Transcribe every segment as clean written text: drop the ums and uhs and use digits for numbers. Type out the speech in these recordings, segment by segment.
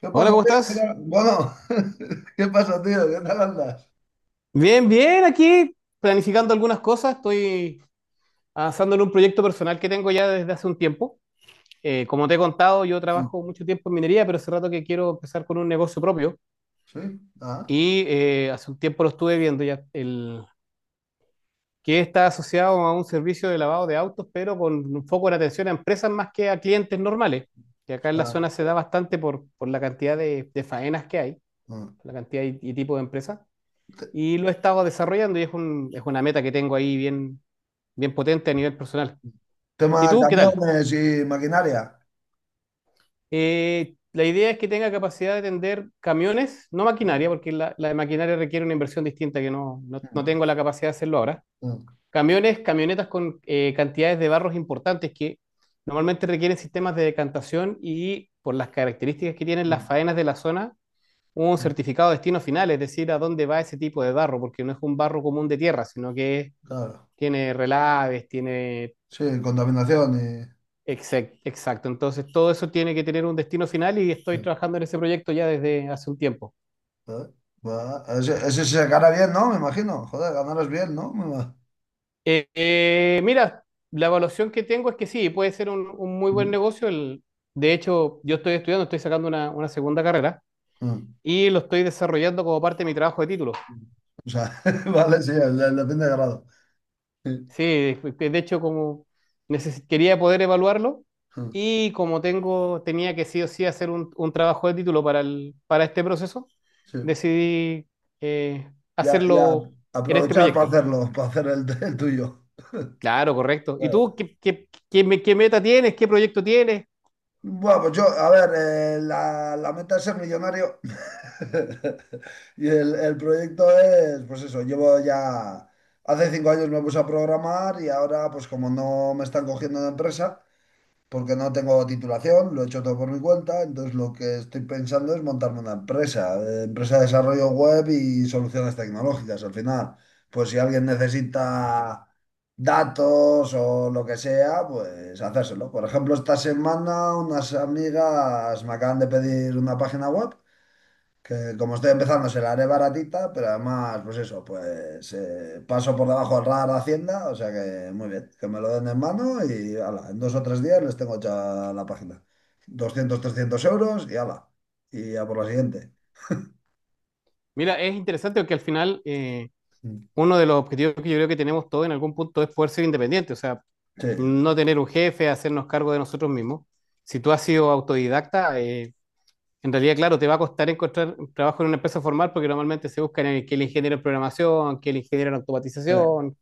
¿Qué Hola, pasa, ¿cómo tío? ¿Qué estás? tal? Bueno, ¿qué pasa, tío? ¿Qué tal andas? Bien, bien, aquí planificando algunas cosas. Estoy avanzando en un proyecto personal que tengo ya desde hace un tiempo. Como te he contado, yo Mm. trabajo mucho tiempo en minería, pero hace rato que quiero empezar con un negocio propio. Sí. Ah. Hace un tiempo lo estuve viendo ya, el, que está asociado a un servicio de lavado de autos, pero con un foco en atención a empresas más que a clientes normales. Que acá en la Está. zona se da bastante por la cantidad de faenas que hay, Ah. la cantidad y tipo de empresas. Te- Y lo he estado desarrollando y es, es una meta que tengo ahí bien, bien potente a nivel personal. ¿Y Tema tú qué tal? camiones y maquinaria. La idea es que tenga capacidad de tender camiones, no Mm. maquinaria, porque la de maquinaria requiere una inversión distinta que no tengo la capacidad de hacerlo ahora. Mm. Camiones, camionetas con cantidades de barros importantes que normalmente requieren sistemas de decantación y por las características que tienen las Mm. faenas de la zona, un Mm. certificado de destino final, es decir, a dónde va ese tipo de barro, porque no es un barro común de tierra, sino que es Claro, tiene relaves, tiene... sí, contaminación y... Exacto, entonces todo eso tiene que tener un destino final y estoy Mm. trabajando en ese proyecto ya desde hace un tiempo. Joder, va. Ese se gana bien, ¿no? Me imagino. Joder, ganarás bien, ¿no? Mira, la evaluación que tengo es que sí, puede ser un muy buen Sí. negocio. De hecho, yo estoy estudiando, estoy sacando una segunda carrera Ah. y lo estoy desarrollando como parte de mi trabajo de título. O sea, vale, sí, depende de grado. Sí, Sí, de hecho, como quería poder evaluarlo ah, y como tengo, tenía que sí o sí hacer un trabajo de título para el, para este proceso, sí. decidí eh, Ya, ya, hacerlo en este proyecto. Para hacer el tuyo. Claro, correcto. ¿Y tú Claro. qué, qué meta tienes? ¿Qué proyecto tienes? Bueno, pues yo, a ver, la meta es ser millonario. Y el proyecto es, pues eso, llevo ya, hace 5 años me puse a programar. Y ahora, pues como no me están cogiendo en empresa, porque no tengo titulación, lo he hecho todo por mi cuenta. Entonces lo que estoy pensando es montarme una empresa, empresa de desarrollo web y soluciones tecnológicas. Al final, pues si alguien necesita datos o lo que sea, pues hacérselo. Por ejemplo, esta semana unas amigas me acaban de pedir una página web que, como estoy empezando, se la haré baratita, pero además, pues eso, pues paso por debajo del radar de Hacienda, o sea que muy bien, que me lo den en mano y ala, en 2 o 3 días les tengo hecha la página. 200-300 € y ala, y a por la siguiente. Mira, es interesante porque al final Mm. uno de los objetivos que yo creo que tenemos todos en algún punto es poder ser independientes, o sea, Sí, no tener un jefe, hacernos cargo de nosotros mismos. Si tú has sido autodidacta, en realidad, claro, te va a costar encontrar trabajo en una empresa formal porque normalmente se buscan el, que el ingeniero en programación, que el ingeniero en sí. automatización,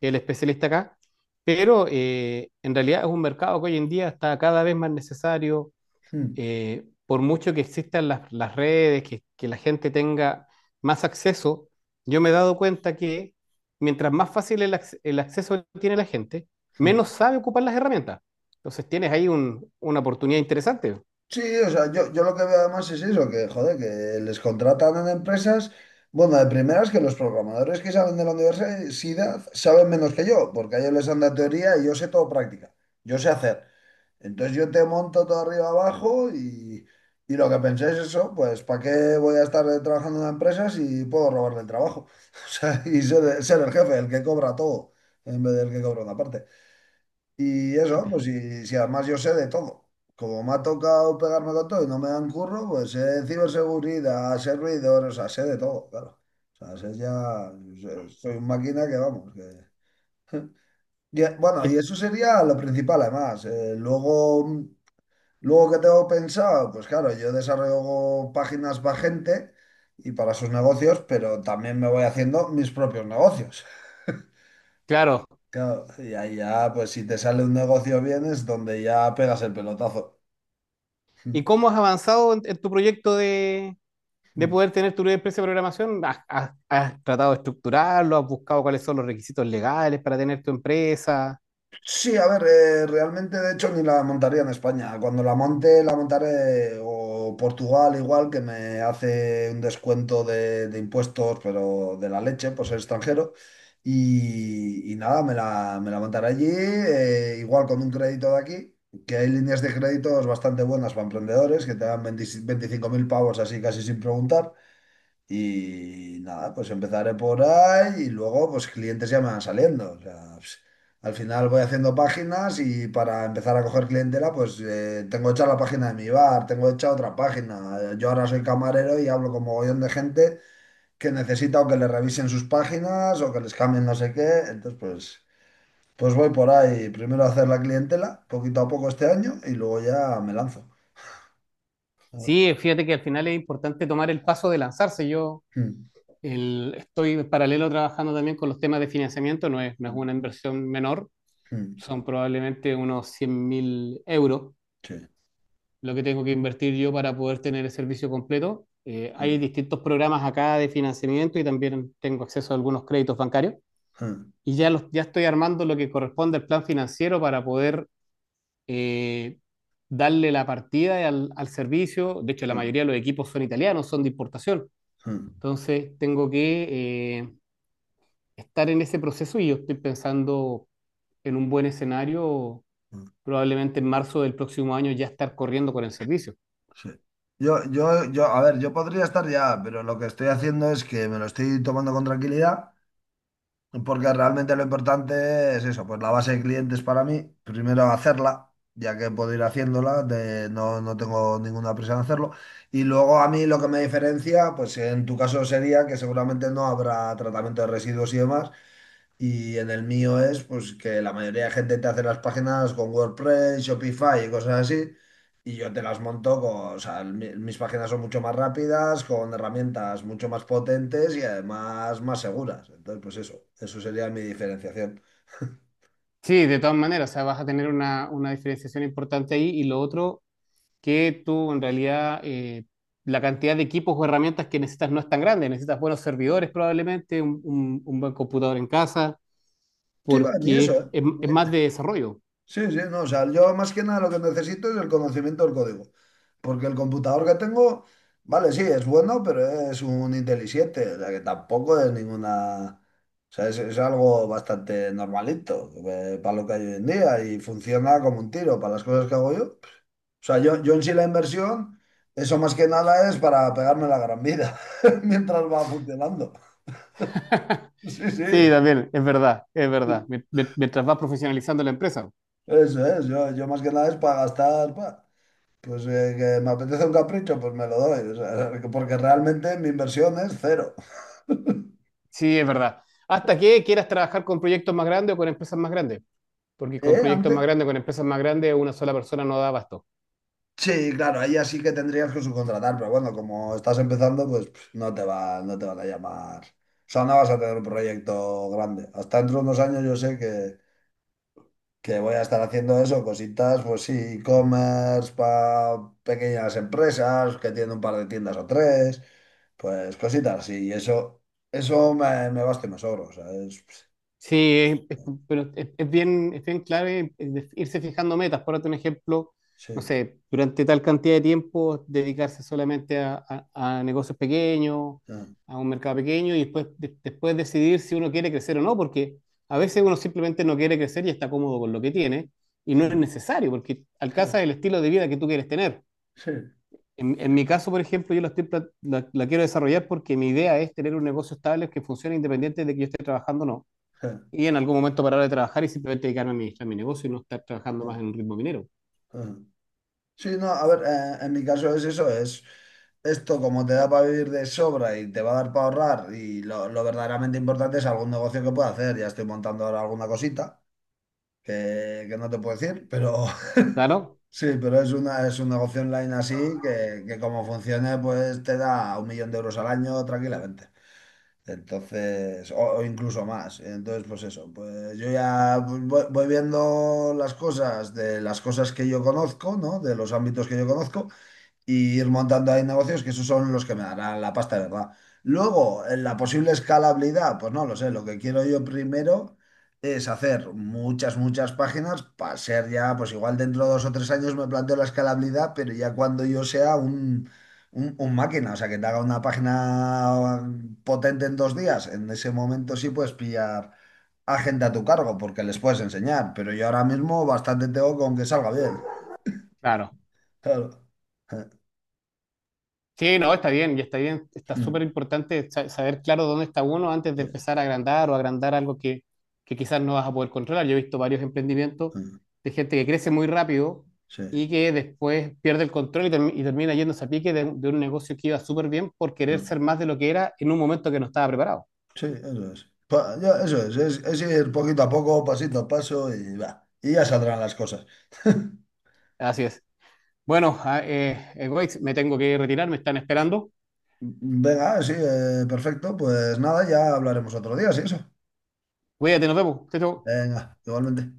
que el especialista acá. Pero en realidad es un mercado que hoy en día está cada vez más necesario. Mm. Por mucho que existan las redes, que la gente tenga más acceso, yo me he dado cuenta que mientras más fácil el acceso tiene la gente, Mm. menos sabe ocupar las herramientas. Entonces tienes ahí una oportunidad interesante. Sí, o sea, yo lo que veo además es eso, que joder, que les contratan en empresas. Bueno, de primeras que los programadores que saben de la universidad saben menos que yo, porque a ellos les dan la teoría y yo sé todo práctica. Yo sé hacer. Entonces yo te monto todo arriba abajo y lo que pensé es eso, pues ¿para qué voy a estar trabajando en una empresa si puedo robarle el trabajo? O sea, y ser, ser el jefe, el que cobra todo, en vez del que cobra una parte. Y eso, pues si, si además yo sé de todo. Como me ha tocado pegarme con todo y no me dan curro, pues sé de ciberseguridad, sé ruidores, o sea, sé de todo, claro. O sea, sé ya, soy una máquina que vamos, que... Y, bueno, Y y eso sería lo principal, además. Luego, ¿qué tengo pensado? Pues claro, yo desarrollo páginas para gente y para sus negocios, pero también me voy haciendo mis propios negocios. claro, Claro, y ahí ya, pues si te sale un negocio bien es donde ya pegas el pelotazo. ¿y cómo has avanzado en tu proyecto de poder tener tu propia empresa de programación? ¿Has, has tratado de estructurarlo? ¿Has buscado cuáles son los requisitos legales para tener tu empresa? Sí, a ver, realmente de hecho ni la montaría en España. Cuando la monte, la montaré o Portugal igual, que me hace un descuento de impuestos, pero de la leche, pues ser extranjero. Y nada, me la montaré allí, igual con un crédito de aquí, que hay líneas de créditos bastante buenas para emprendedores, que te dan 20-25.000 pavos así casi sin preguntar. Y nada, pues empezaré por ahí y luego pues clientes ya me van saliendo. O sea, pues, al final voy haciendo páginas, y para empezar a coger clientela pues tengo hecha la página de mi bar, tengo hecha otra página. Yo ahora soy camarero y hablo con mogollón de gente que necesita o que le revisen sus páginas o que les cambien no sé qué. Entonces pues voy por ahí primero a hacer la clientela poquito a poco este año y luego ya me lanzo. Mm. Sí, fíjate que al final es importante tomar el paso de lanzarse. Yo Mm. Estoy en paralelo trabajando también con los temas de financiamiento, no es una inversión menor, Mm. son probablemente unos 100.000 euros Sí. lo que tengo que invertir yo para poder tener el servicio completo. Mm. Hay distintos programas acá de financiamiento y también tengo acceso a algunos créditos bancarios. Mm. Y ya, los, ya estoy armando lo que corresponde al plan financiero para poder eh, darle la partida al, al servicio. De hecho, la mayoría de los equipos son italianos, son de importación. Mm. Entonces, tengo que estar en ese proceso y yo estoy pensando en un buen escenario, Mm. probablemente en marzo del próximo año ya estar corriendo con el servicio. Sí. Yo, a ver, yo podría estar ya, pero lo que estoy haciendo es que me lo estoy tomando con tranquilidad, porque realmente lo importante es eso, pues la base de clientes para mí, primero hacerla, ya que puedo ir haciéndola. No, no tengo ninguna prisa en hacerlo, y luego a mí lo que me diferencia, pues en tu caso sería que seguramente no habrá tratamiento de residuos y demás, y en el mío es pues que la mayoría de gente te hace las páginas con WordPress, Shopify y cosas así. Y yo te las monto con, o sea, mis páginas son mucho más rápidas, con herramientas mucho más potentes y además más seguras. Entonces, pues eso sería mi diferenciación. Sí, de todas maneras, o sea, vas a tener una diferenciación importante ahí y lo otro, que tú en realidad la cantidad de equipos o herramientas que necesitas no es tan grande. Necesitas buenos servidores probablemente, un, un buen computador en casa, Sí, va, ni eso, porque es ¿eh? más de desarrollo. Sí, sí, no, o sea, yo más que nada lo que necesito es el conocimiento del código, porque el computador que tengo, vale, sí, es bueno, pero es un Intel i7, o sea, que tampoco es ninguna, o sea, es algo bastante normalito para lo que hay hoy en día, y funciona como un tiro para las cosas que hago yo. Pues, o sea, yo en sí la inversión, eso más que nada es para pegarme la gran vida mientras va funcionando. Sí, sí, Sí, también, es verdad, es verdad. Mientras vas profesionalizando la empresa. eso es, yo más que nada es para gastar. Pues que me apetece un capricho, pues me lo doy. O sea, porque realmente mi inversión es cero. Sí, es verdad. Hasta que quieras trabajar con proyectos más grandes o con empresas más grandes, porque con ¿Eh? proyectos Antes. más grandes, con empresas más grandes, una sola persona no da abasto. Sí, claro, ahí así que tendrías que subcontratar, pero bueno, como estás empezando, pues pff, no te va, no te van a llamar. O sea, no vas a tener un proyecto grande. Hasta dentro de unos años yo sé que voy a estar haciendo eso, cositas, pues sí, e-commerce para pequeñas empresas que tienen un par de tiendas o tres, pues cositas, sí, y eso me basta y me sobra, o sea, Sí, es- es- pero es bien clave irse fijando metas. Por otro ejemplo, no sí. sé, durante tal cantidad de tiempo dedicarse solamente a, a negocios pequeños, a un mercado pequeño y después, después decidir si uno quiere crecer o no, porque a veces uno simplemente no quiere crecer y está cómodo con lo que tiene y no es Mm. necesario porque alcanzas el estilo de vida que tú quieres tener. Sí, En mi caso, por ejemplo, yo la, estoy la quiero desarrollar porque mi idea es tener un negocio estable que funcione independiente de que yo esté trabajando o no Sí, y en algún momento parar de trabajar y simplemente dedicarme a administrar mi negocio y no estar trabajando más en un ritmo minero. sí, no, a ver, en mi caso es eso, es esto como te da para vivir de sobra y te va a dar para ahorrar, y lo verdaderamente importante es algún negocio que pueda hacer. Ya estoy montando ahora alguna cosita que no te puedo decir, pero ¿Claro? sí, pero es un negocio online así que como funcione pues te da un millón de euros al año tranquilamente. Entonces, o incluso más. Entonces, pues eso, pues yo ya pues, voy viendo las cosas que yo conozco, ¿no? De los ámbitos que yo conozco y ir montando ahí negocios, que esos son los que me darán la pasta, ¿de verdad? Luego, en la posible escalabilidad, pues no lo sé, lo que quiero yo primero es hacer muchas, muchas páginas para ser ya, pues igual dentro de 2 o 3 años me planteo la escalabilidad, pero ya cuando yo sea un máquina, o sea, que te haga una página potente en 2 días, en ese momento sí puedes pillar a gente a tu cargo porque les puedes enseñar, pero yo ahora mismo bastante tengo con que salga bien. Claro. Claro. Sí, no, está bien, ya está bien. Está súper importante saber claro dónde está uno antes de Sí. empezar a agrandar o agrandar algo que quizás no vas a poder controlar. Yo he visto varios emprendimientos Sí. de gente que crece muy rápido Sí, y que después pierde el control y, termina yéndose a pique de un negocio que iba súper bien por querer no. ser más de lo que era en un momento que no estaba preparado. Sí, eso es. Ya, eso es, ir poquito a poco, pasito a paso y va. Y ya saldrán las cosas. Así es. Bueno, Goix, me tengo que retirar, me están esperando. Venga, sí, perfecto. Pues nada, ya hablaremos otro día, sí, eso. Cuídate, nos vemos. Chao, chao. Venga, igualmente.